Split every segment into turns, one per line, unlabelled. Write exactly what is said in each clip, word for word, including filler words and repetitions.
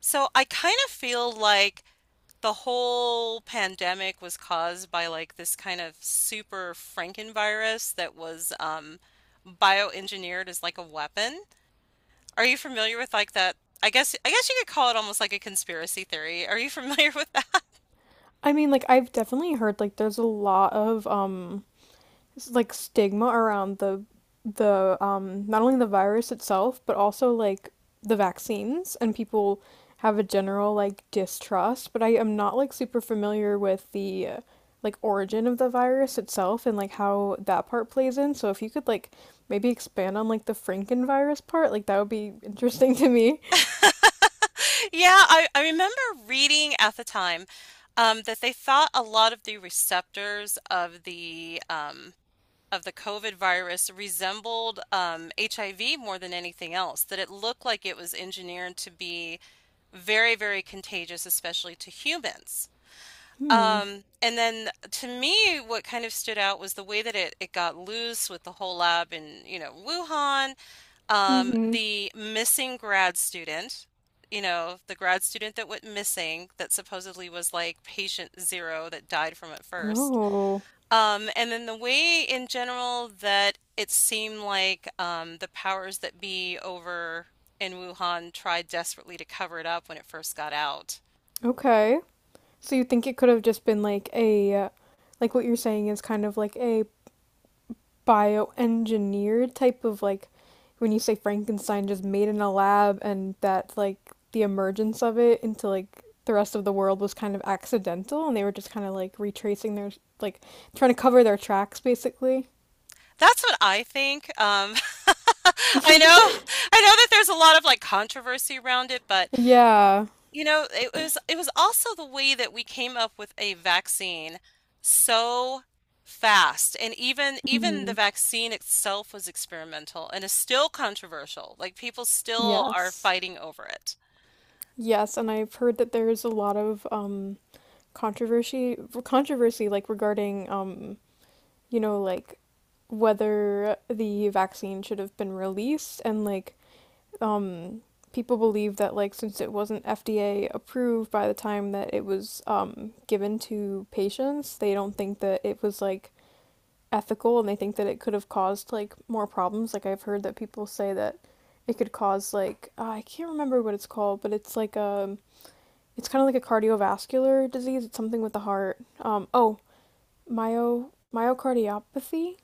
So I kind of feel like the whole pandemic was caused by like this kind of super Frankenvirus that was um, bioengineered as like a weapon. Are you familiar with like that? I guess I guess you could call it almost like a conspiracy theory. Are you familiar with
I mean, like I've definitely heard like there's a lot of um s- like stigma around the the um not only the virus itself, but also like the vaccines and people have a general like distrust, but I am not like super familiar with the uh, like origin of the virus itself and like how that part plays in. So if you could like maybe expand on like the Frankenvirus part, like that would be interesting to me.
that? Yeah, I, I remember reading at the time um, that they thought a lot of the receptors of the um, of the COVID virus resembled um, H I V more than anything else, that it looked like it was engineered to be very, very contagious, especially to humans.
Hmm.
Um, and then to me, what kind of stood out was the way that it, it got loose with the whole lab in, you know, Wuhan, um,
Mm-hmm.
the missing grad student, you know, the grad student that went missing, that supposedly was like patient zero that died from it first.
Oh.
Um, and then the way in general that it seemed like um, the powers that be over in Wuhan tried desperately to cover it up when it first got out.
Okay. So you think it could have just been like a, uh, like what you're saying is kind of like a bioengineered type of like, when you say Frankenstein, just made in a lab, and that like the emergence of it into like the rest of the world was kind of accidental, and they were just kind of like retracing their like trying to cover their tracks basically.
That's what I think. Um, I know, I know that there's a lot of like controversy around it, but
Yeah.
you know, it was it was also the way that we came up with a vaccine so fast. And even even the
Hmm.
vaccine itself was experimental and is still controversial. Like people still are
Yes.
fighting over it.
Yes, and I've heard that there's a lot of um controversy controversy like regarding um you know, like whether the vaccine should have been released and like um people believe that like since it wasn't F D A approved by the time that it was um given to patients, they don't think that it was like ethical and they think that it could have caused like more problems. Like I've heard that people say that it could cause like uh, I can't remember what it's called, but it's like a it's kind of like a cardiovascular disease. It's something with the heart. Um oh, myo myocardiopathy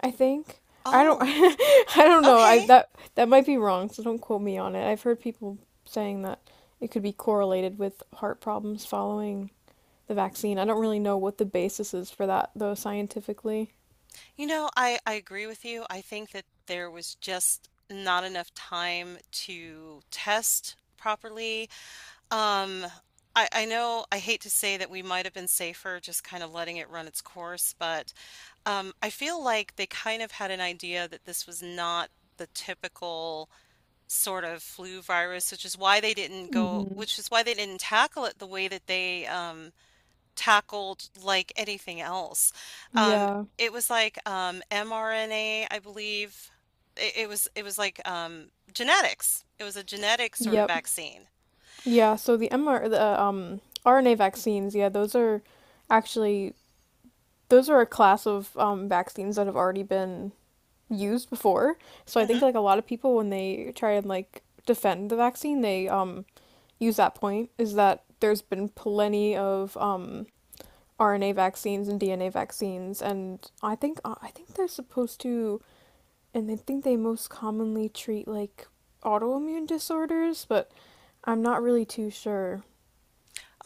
I think. I don't
Oh,
I don't know. I
okay.
that That might be wrong, so don't quote me on it. I've heard people saying that it could be correlated with heart problems following the vaccine. I don't really know what the basis is for that though scientifically.
You know, I I agree with you. I think that there was just not enough time to test properly. Um, I I know I hate to say that we might have been safer just kind of letting it run its course, but Um, I feel like they kind of had an idea that this was not the typical sort of flu virus, which is why they didn't go,
Mm-hmm.
which is why they didn't tackle it the way that they um, tackled like anything else. Um,
Yeah.
it was like um, mRNA, I believe. It, it was it was like um, genetics. It was a genetic sort of
Yep.
vaccine.
Yeah, so the M R the uh, um R N A vaccines, yeah, those are actually those are a class of um vaccines that have already been used before. So I think
Mm-hmm.
like a lot of people when they try and like defend the vaccine, they um use that point is that there's been plenty of um, R N A vaccines and D N A vaccines, and I think uh, I think they're supposed to, and I think they most commonly treat like autoimmune disorders, but I'm not really too sure.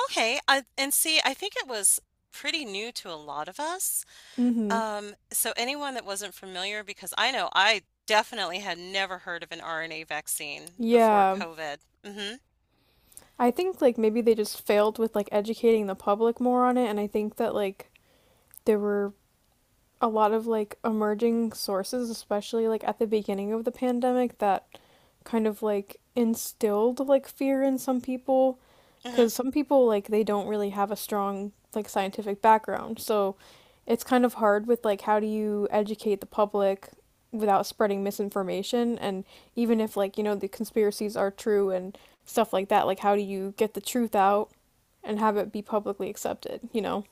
Okay, I, and see, I think it was pretty new to a lot of us.
Mm-hmm.
Um, so anyone that wasn't familiar, because I know I definitely had never heard of an R N A vaccine before
Yeah,
COVID. Hmm
I think like maybe they just failed with like educating the public more on it, and I think that like there were a lot of like emerging sources, especially like at the beginning of the pandemic, that kind of like instilled like fear in some people
hmm
because some people like they don't really have a strong like scientific background. So it's kind of hard with like how do you educate the public without spreading misinformation and even if like you know the conspiracies are true and stuff like that, like how do you get the truth out and have it be publicly accepted, you know?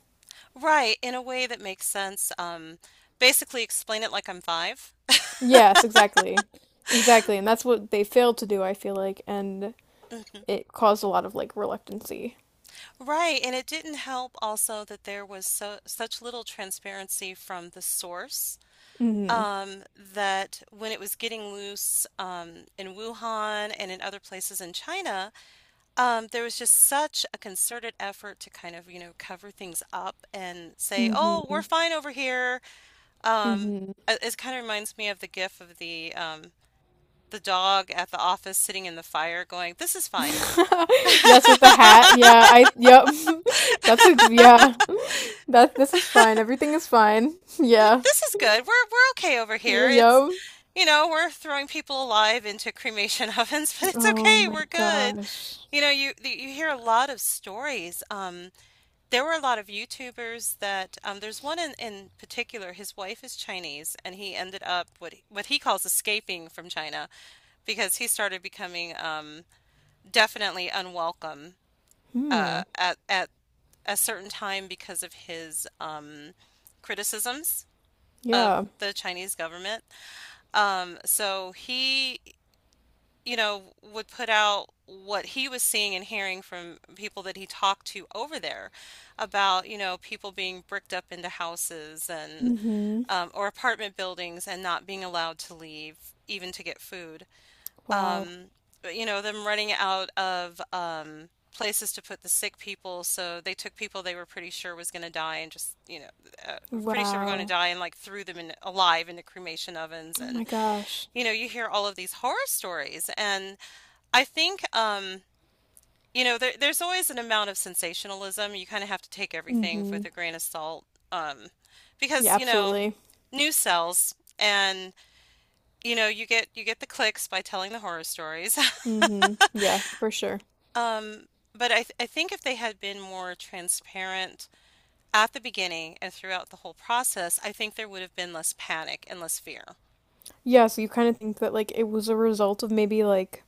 Right, in a way that makes sense. Um, basically explain it like I'm five.
Yes, exactly. Exactly. And that's what they failed to do, I feel like, and
Mhm.
it caused a lot of like reluctancy.
Right, and it didn't help also that there was so such little transparency from the source
Mm-hmm.
um, that when it was getting loose um, in Wuhan and in other places in China, Um, there was just such a concerted effort to kind of, you know, cover things up and say, "Oh,
Mm-hmm.
we're fine over here." Um,
Mm-hmm.
it, it kind of reminds me of the gif of the um the dog at the office sitting in the fire going, "This is fine." Th-
Yes, with the hat. Yeah, I yep. That's a yeah. That this is fine. Everything is fine. Yeah.
This is good. We're we're okay over
Yeah,
here. It's,
yep.
you know, we're throwing people alive into cremation ovens, but it's
Oh
okay.
my
We're good.
gosh.
You know, you you hear a lot of stories. Um There were a lot of YouTubers that um, there's one in, in particular. His wife is Chinese, and he ended up what he, what he calls escaping from China because he started becoming um, definitely unwelcome
Hmm.
uh, at at a certain time because of his um, criticisms of
Yeah.
the Chinese government. Um, so he you know, would put out what he was seeing and hearing from people that he talked to over there about, you know, people being bricked up into houses and
Mm-hmm.
um, or apartment buildings and not being allowed to leave even to get food.
Wow.
Um, you know, them running out of um, places to put the sick people, so they took people they were pretty sure was going to die and just, you know, uh, pretty sure were going to
Wow.
die and like threw them in alive into cremation ovens.
Oh
And
my gosh.
you know, you hear all of these horror stories. And I think, um, you know, there, there's always an amount of sensationalism. You kind of have to take everything
Mm-hmm.
with a grain of salt, um,
Yeah,
because, you know,
absolutely.
news sells, and you know, you get you get the clicks by telling the horror stories.
Mm-hmm. Yeah, for sure.
Um, but I, th I think if they had been more transparent at the beginning and throughout the whole process, I think there would have been less panic and less fear.
Yeah, so you kind of think that like it was a result of maybe like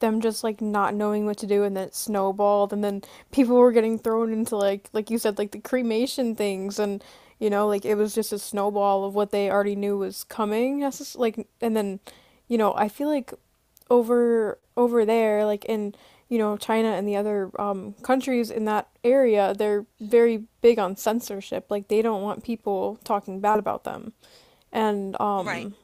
them just like not knowing what to do and then it snowballed and then people were getting thrown into like like you said like the cremation things and you know like it was just a snowball of what they already knew was coming necess- like and then you know I feel like over over there like in you know China and the other um countries in that area they're very big on censorship like they don't want people talking bad about them and
Right.
um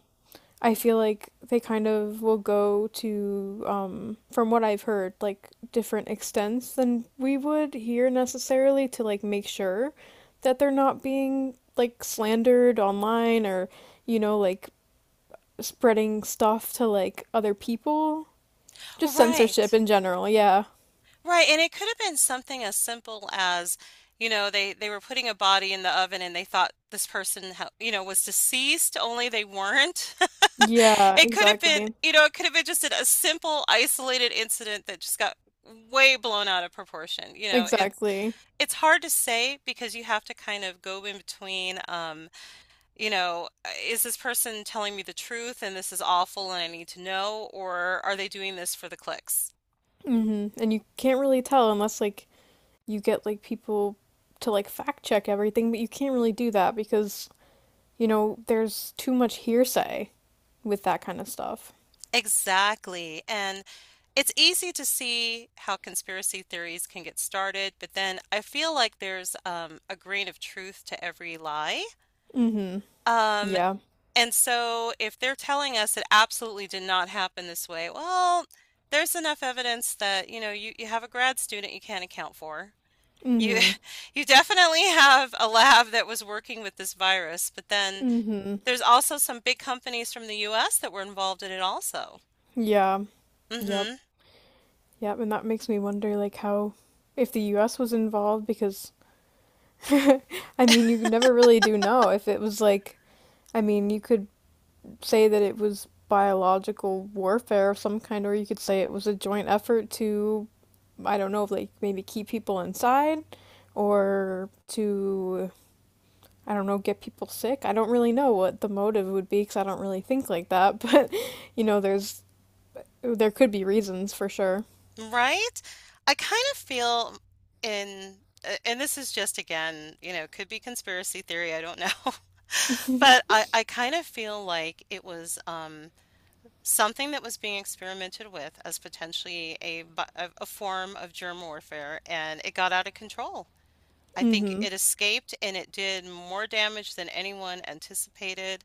I feel like they kind of will go to, um, from what I've heard, like different extents than we would here necessarily to like make sure that they're not being like slandered online or, you know, like spreading stuff to like other people. Just censorship
Right.
in general, yeah.
Right, and it could have been something as simple as, you know, they they were putting a body in the oven and they thought this person, ha- you know, was deceased, only they weren't.
Yeah,
It could have been,
exactly.
you know, it could have been just a simple isolated incident that just got way blown out of proportion. You know, it's
Exactly.
it's hard to say because you have to kind of go in between, um, you know, uh, is this person telling me the truth and this is awful and I need to know, or are they doing this for the clicks?
Hmm. And you can't really tell unless like you get like people to like fact check everything, but you can't really do that because you know, there's too much hearsay with that kind of stuff.
Exactly. And it's easy to see how conspiracy theories can get started, but then I feel like there's um, a grain of truth to every lie.
Mm-hmm.
Um,
Yeah.
and so if they're telling us it absolutely did not happen this way, well, there's enough evidence that, you know, you, you have a grad student you can't account for. You
Mm-hmm.
you definitely have a lab that was working with this virus, but then
Mm-hmm.
there's also some big companies from the U S that were involved in it also.
Yeah. Yep.
Hmm
Yep. And that makes me wonder, like, how if the U S was involved, because I mean, you never really do know if it was like, I mean, you could say that it was biological warfare of some kind, or you could say it was a joint effort to, I don't know, like maybe keep people inside or to I don't know, get people sick. I don't really know what the motive would be because I don't really think like that, but you know, there's there could be reasons for sure.
Right? I kind of feel in a- and this is just again, you know, could be conspiracy theory, I don't know. But I I kind of feel like it was um something that was being experimented with as potentially a bi- a, a form of germ warfare and it got out of control. I think
Hmm.
it escaped and it did more damage than anyone anticipated.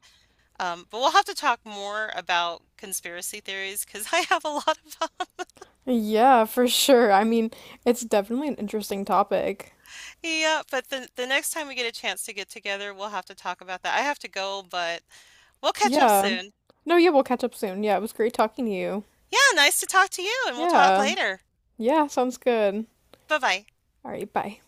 Um, but we'll have to talk more about conspiracy theories because I have a lot of.
Yeah, for sure. I mean, it's definitely an interesting topic.
Yeah, but the the next time we get a chance to get together, we'll have to talk about that. I have to go, but we'll catch up
Yeah.
soon.
No, yeah, we'll catch up soon. Yeah, it was great talking to you.
Yeah, nice to talk to you, and we'll talk
Yeah.
later.
Yeah, sounds good.
Bye-bye.
All right, bye.